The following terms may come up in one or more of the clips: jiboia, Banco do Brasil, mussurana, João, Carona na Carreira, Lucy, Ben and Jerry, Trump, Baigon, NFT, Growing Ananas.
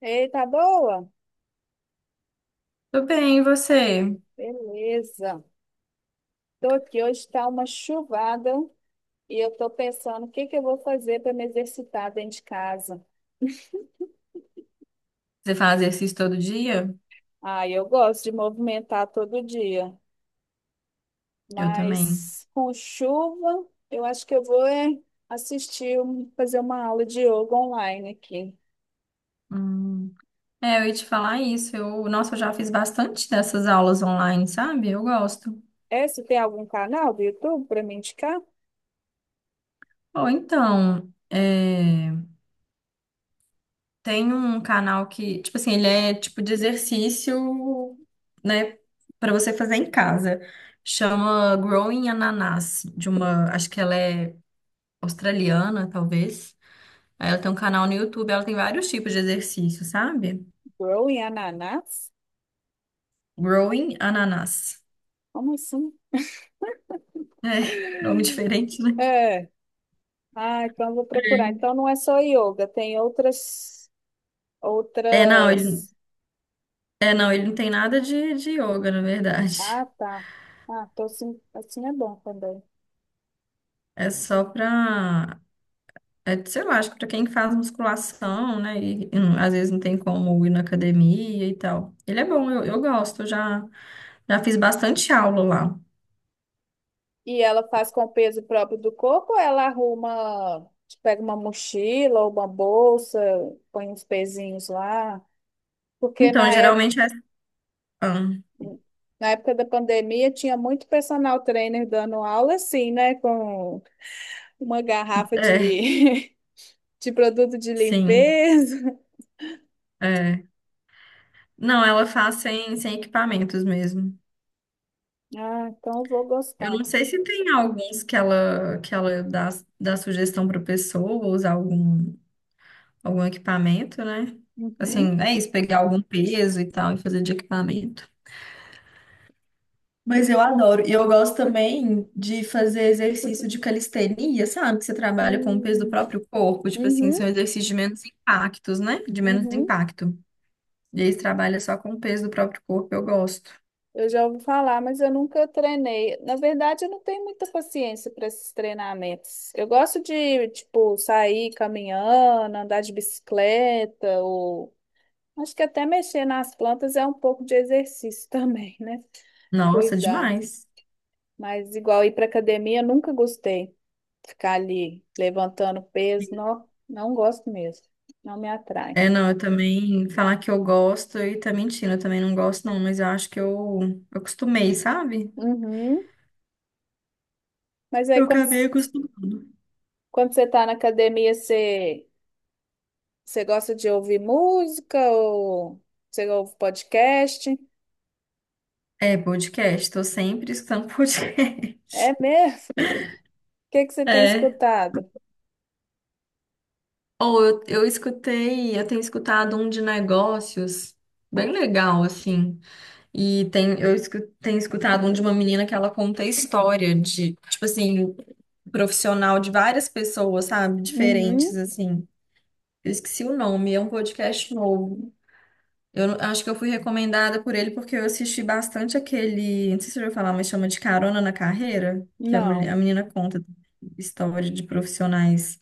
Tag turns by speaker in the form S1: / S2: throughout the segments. S1: Ei, tá boa?
S2: Tô bem, e você?
S1: Beleza. Tô aqui, hoje tá uma chuvada e eu tô pensando o que que eu vou fazer para me exercitar dentro de casa.
S2: Você faz exercício todo dia?
S1: Ah, eu gosto de movimentar todo dia,
S2: Eu também.
S1: mas com chuva, eu acho que eu vou assistir, fazer uma aula de yoga online aqui.
S2: Hum. É, eu ia te falar isso. Nossa, eu já fiz bastante dessas aulas online, sabe? Eu gosto.
S1: É, você tem algum canal do YouTube para me indicar?
S2: Ou então, tem um canal que, tipo assim, ele é tipo de exercício, né, pra você fazer em casa. Chama Growing Ananas, de uma, acho que ela é australiana, talvez. Aí ela tem um canal no YouTube, ela tem vários tipos de exercício, sabe?
S1: Growing Ananas?
S2: Growing Ananas.
S1: Como assim?
S2: É, nome diferente, né?
S1: É. Ah, então eu vou procurar. Então não é só yoga, tem outras.
S2: É, não, ele,
S1: Outras.
S2: é, não, ele não tem nada de yoga, na verdade.
S1: Ah, tá. Ah, tô assim, assim é bom também.
S2: É só pra, é, sei lá, acho que pra quem faz musculação, né? E às vezes não tem como ir na academia e tal. Ele é bom, eu gosto, eu já fiz bastante aula lá.
S1: E ela faz com o peso próprio do corpo ou ela arruma, tipo, pega uma mochila ou uma bolsa, põe uns pezinhos lá? Porque
S2: Então,
S1: na época,
S2: geralmente é. ah,
S1: Na época da pandemia tinha muito personal trainer dando aula assim, né? Com uma garrafa
S2: é,
S1: de, de produto de
S2: sim.
S1: limpeza.
S2: É. Não, ela faz sem equipamentos mesmo.
S1: Ah, então eu vou
S2: Eu
S1: gostar.
S2: não sei se tem alguns que ela dá sugestão para pessoa usar algum equipamento, né?
S1: Uhum.
S2: Assim, é isso, pegar algum peso e tal e fazer de equipamento. Mas eu adoro. E eu gosto também de fazer exercício de calistenia, sabe? Que você trabalha com o peso do
S1: Hum.
S2: próprio corpo. Tipo assim,
S1: Uhum.
S2: são exercícios de menos impactos, né? De menos
S1: Uhum.
S2: impacto. E aí você trabalha só com o peso do próprio corpo, eu gosto.
S1: Eu já ouvi falar, mas eu nunca treinei. Na verdade, eu não tenho muita paciência para esses treinamentos. Eu gosto de, tipo, sair caminhando, andar de bicicleta, ou acho que até mexer nas plantas é um pouco de exercício também, né?
S2: Nossa,
S1: Cuidar.
S2: demais.
S1: Mas igual ir para academia, eu nunca gostei. Ficar ali levantando peso, não, não gosto mesmo. Não me atrai.
S2: É, não, eu também falar que eu gosto e tá mentindo, eu também não gosto, não, mas eu acho que eu acostumei, sabe?
S1: Uhum. Mas aí
S2: Eu
S1: quando,
S2: acabei acostumando.
S1: quando você tá na academia, Você gosta de ouvir música ou você ouve podcast?
S2: É, podcast, tô sempre escutando podcast.
S1: É mesmo? O que que você tem
S2: É.
S1: escutado?
S2: Ou eu escutei, eu tenho escutado um de negócios, bem legal, assim. Tenho escutado um de uma menina que ela conta a história de, tipo assim, profissional de várias pessoas, sabe?
S1: Uhum.
S2: Diferentes, assim. Eu esqueci o nome, é um podcast novo. Eu não- Acho que eu fui recomendada por ele porque eu assisti bastante aquele, não sei se você já ouviu falar, mas chama de Carona na Carreira, que
S1: Não.
S2: a menina conta história de profissionais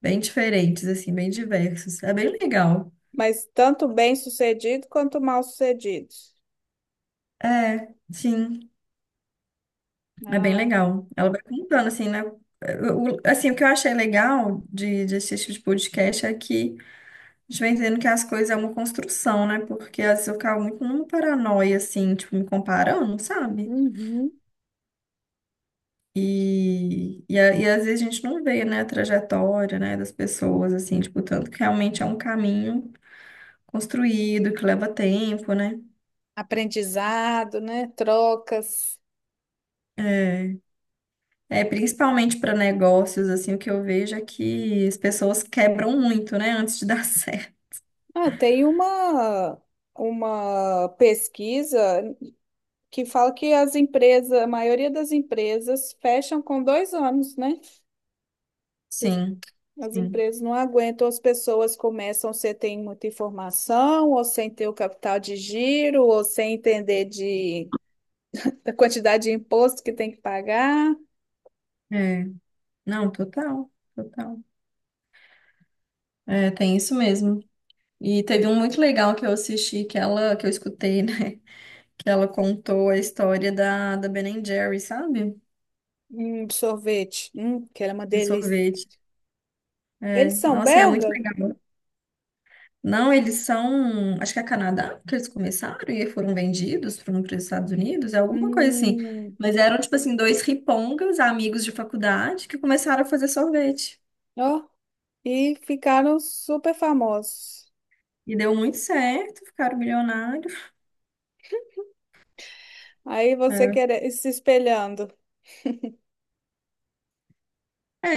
S2: bem diferentes, assim, bem diversos. É bem legal.
S1: Mas tanto bem-sucedido quanto mal-sucedido.
S2: É, sim, é bem
S1: Ah,
S2: legal. Ela vai contando, assim, né? O assim, o que eu achei legal de assistir esse tipo de podcast é que a gente vai entendendo que as coisas é uma construção, né? Porque às vezes eu ficava muito numa paranoia, assim, tipo, me comparando, sabe?
S1: uhum.
S2: E às vezes a gente não vê, né, a trajetória, né, das pessoas, assim, tipo, tanto que realmente é um caminho construído, que leva tempo, né?
S1: Aprendizado, né? Trocas.
S2: É, é principalmente para negócios, assim, o que eu vejo é que as pessoas quebram muito, né, antes de dar certo.
S1: Ah, tem uma pesquisa que fala que as empresas, a maioria das empresas fecham com 2 anos, né?
S2: Sim,
S1: As
S2: sim.
S1: empresas não aguentam, as pessoas começam sem ter muita informação, ou sem ter o capital de giro, ou sem entender de, da quantidade de imposto que tem que pagar.
S2: É. Não, total, total. É, tem isso mesmo. E teve um muito legal que eu assisti, que eu escutei, né, que ela contou a história da Ben and Jerry, sabe?
S1: Sorvete, que era uma
S2: De
S1: delícia.
S2: sorvete.
S1: Eles são
S2: Nossa, e é muito
S1: belga?
S2: legal. Não, eles são, acho que é Canadá que eles começaram e foram vendidos para os Estados Unidos, é alguma coisa assim.
S1: Hum,
S2: Mas eram, tipo assim, dois ripongas, amigos de faculdade, que começaram a fazer sorvete.
S1: ó, e ficaram super famosos.
S2: E deu muito certo, ficaram milionários.
S1: Aí você
S2: É,
S1: quer se espelhando.
S2: é,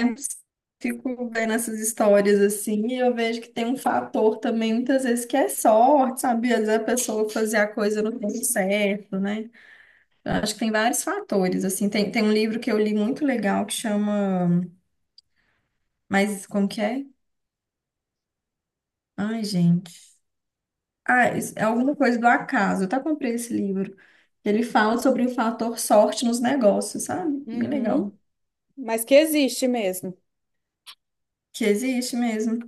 S2: Fico vendo essas histórias assim, e eu vejo que tem um fator também, muitas vezes, que é sorte, sabe? Às vezes a pessoa fazer a coisa no tempo certo, né? Eu acho que tem vários fatores, assim. Tem um livro que eu li muito legal que chama... Mas como que é? Ai, gente. Ah, é alguma coisa do acaso. Eu até comprei esse livro. Ele fala sobre o fator sorte nos negócios, sabe? Bem
S1: Uhum,
S2: legal.
S1: mas que existe mesmo.
S2: Que existe mesmo.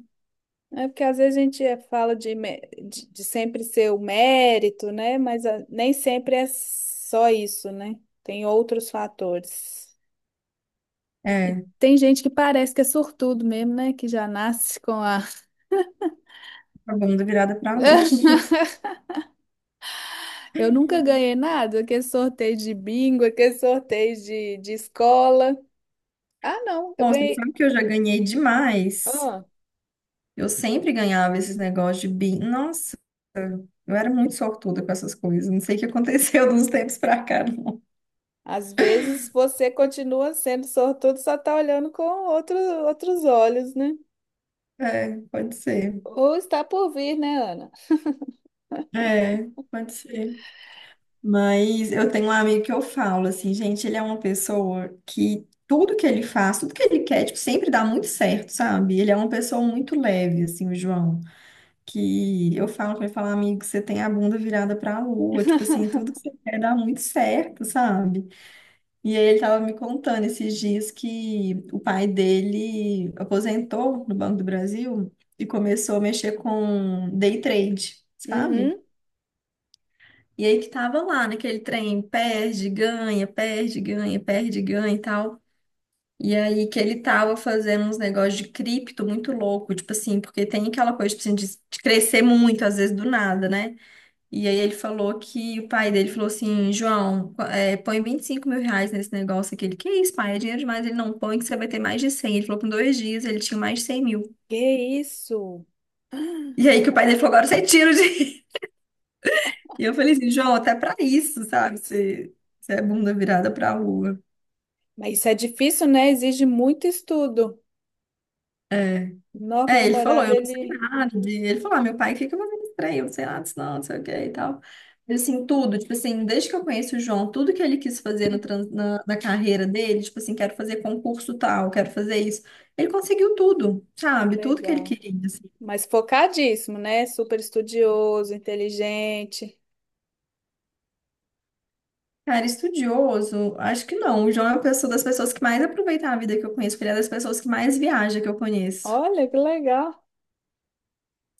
S1: É porque às vezes a gente fala de, de sempre ser o mérito, né? Mas ah, nem sempre é só isso, né? Tem outros fatores.
S2: É,
S1: Tem gente que parece que é sortudo mesmo, né? Que já nasce com a.
S2: a bunda virada pra lua.
S1: Eu nunca ganhei nada, aquele sorteio de bingo, aquele sorteio de escola. Ah, não, eu
S2: Nossa, você
S1: ganhei.
S2: sabe que eu já ganhei demais.
S1: Ah,
S2: Eu sempre ganhava esses negócios de bi. Nossa, eu era muito sortuda com essas coisas. Não sei o que aconteceu de uns tempos pra cá, não.
S1: às vezes você continua sendo sortudo, só tá olhando com outro, outros olhos, né?
S2: É, pode ser.
S1: Ou está por vir, né, Ana?
S2: É, pode ser. Mas eu tenho um amigo que eu falo assim, gente, ele é uma pessoa que tudo que ele faz, tudo que ele quer, tipo, sempre dá muito certo, sabe? Ele é uma pessoa muito leve, assim, o João. Que eu falo pra ele, falo amigo, você tem a bunda virada pra lua, tipo assim, tudo que você quer dá muito certo, sabe? E aí ele tava me contando esses dias que o pai dele aposentou no Banco do Brasil e começou a mexer com day trade, sabe?
S1: Uhum.
S2: E aí que tava lá naquele trem, perde, ganha, perde, ganha, perde, ganha e tal. E aí que ele tava fazendo uns negócios de cripto muito louco, tipo assim, porque tem aquela coisa tipo assim, de crescer muito, às vezes do nada, né? E aí ele falou que o pai dele falou assim, João, põe 25 mil reais nesse negócio aqui. Ele, que isso, pai, é dinheiro demais. Ele, não, põe que você vai ter mais de 100. Ele falou que em dois dias ele tinha mais de 100 mil.
S1: Que isso?
S2: E aí que o pai dele falou, agora você tira o dinheiro. E eu falei assim, João, até pra isso, sabe? Você é bunda virada pra lua.
S1: Mas isso é difícil, né? Exige muito estudo. Nossa, meu
S2: É, ele falou,
S1: namorado,
S2: eu não sei
S1: ele...
S2: nada de... Ele falou, ah, meu pai, o que que eu vou fazer pra ele? Eu não sei nada disso não, não sei o que e tal. Mas, assim, tudo, tipo assim, desde que eu conheço o João, tudo que ele quis fazer no trans- na, na carreira dele, tipo assim, quero fazer concurso tal, quero fazer isso. Ele conseguiu tudo,
S1: Que
S2: sabe? Tudo que ele
S1: legal.
S2: queria, assim.
S1: Mas focadíssimo, né? Super estudioso, inteligente.
S2: Cara, estudioso, acho que não. O João é uma pessoa das pessoas que mais aproveita a vida que eu conheço, porque ele é das pessoas que mais viaja que eu conheço.
S1: Olha, que legal.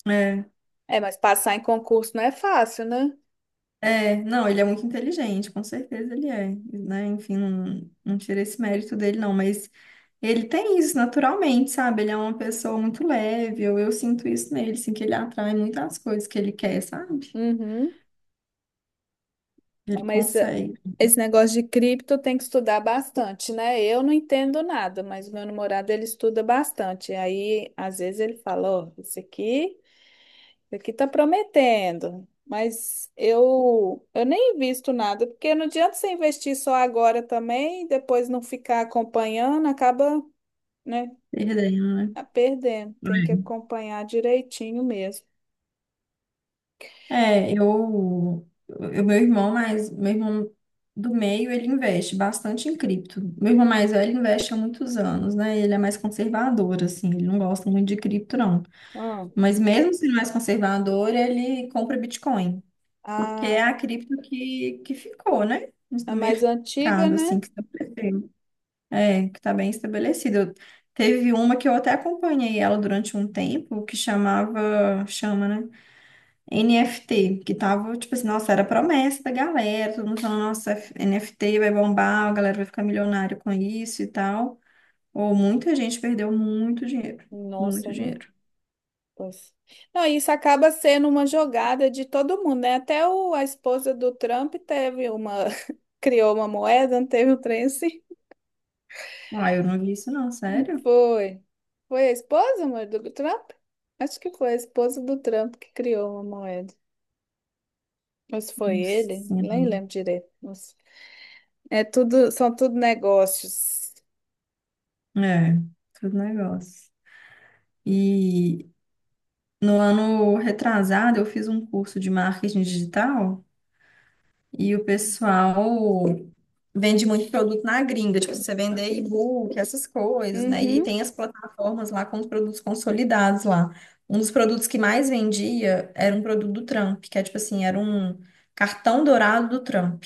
S2: É.
S1: É, mas passar em concurso não é fácil, né?
S2: É, não, ele é muito inteligente, com certeza ele é, né? Enfim, não, não tira esse mérito dele, não, mas ele tem isso naturalmente, sabe? Ele é uma pessoa muito leve, eu sinto isso nele, assim, que ele atrai muitas coisas que ele quer, sabe?
S1: Uhum.
S2: Ele
S1: Mas
S2: consegue,
S1: esse negócio de cripto tem que estudar bastante, né? Eu não entendo nada, mas o meu namorado, ele estuda bastante. Aí, às vezes, ele fala, ó, isso aqui... Aqui tá prometendo, mas eu nem invisto nada, porque não adianta você investir só agora também, e depois não ficar acompanhando, acaba, né,
S2: perdendo, né?
S1: a perdendo. Tem que acompanhar direitinho mesmo.
S2: É, eu, meu irmão mais, meu irmão do meio, ele investe bastante em cripto. Meu irmão mais velho investe há muitos anos, né? Ele é mais conservador, assim, ele não gosta muito de cripto, não.
S1: Ah,
S2: Mas mesmo sendo mais conservador, ele compra Bitcoin, porque
S1: a,
S2: é a cripto que ficou, né?
S1: a
S2: No
S1: mais antiga,
S2: mercado, assim,
S1: né?
S2: que estabeleceu. É, que está bem estabelecido. Teve uma que eu até acompanhei ela durante um tempo, chama, né? NFT, que tava, tipo assim, nossa, era a promessa da galera, todo mundo falando, nossa, NFT vai bombar, a galera vai ficar milionário com isso e tal. Ou muita gente perdeu muito dinheiro,
S1: Nossa,
S2: muito
S1: é mesmo.
S2: dinheiro.
S1: Pois. Não, isso acaba sendo uma jogada de todo mundo, né? Até o, a esposa do Trump teve uma, criou uma moeda, não teve um trem assim.
S2: Ah, eu não vi isso não, sério?
S1: Foi. Foi a esposa, amor, do Trump? Acho que foi a esposa do Trump que criou uma moeda. Ou se foi ele,
S2: Sim.
S1: nem lembro direito. Nossa. É tudo, são tudo negócios.
S2: É, tudo negócio. E no ano retrasado eu fiz um curso de marketing digital e o pessoal vende muito produto na gringa, tipo, você vender e-book, essas coisas, né? E
S1: Uhum.
S2: tem as plataformas lá com os produtos consolidados lá. Um dos produtos que mais vendia era um produto do Trump, que é tipo assim, era um cartão dourado do Trump.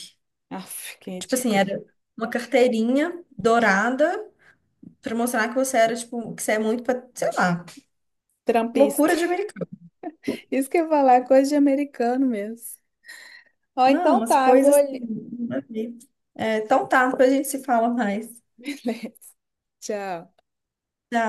S1: Aff, que
S2: Tipo assim,
S1: ridículo.
S2: era uma carteirinha dourada para mostrar que você era, tipo, que você é muito, pa- sei lá.
S1: Trumpista.
S2: Loucura de americano.
S1: Isso que eu ia falar é coisa de americano mesmo. Ó,
S2: Não,
S1: então
S2: umas
S1: tá, eu vou
S2: coisas assim.
S1: ali.
S2: Nada a ver. É, então tá, depois a gente se fala mais.
S1: Beleza. Tchau.
S2: Tchau.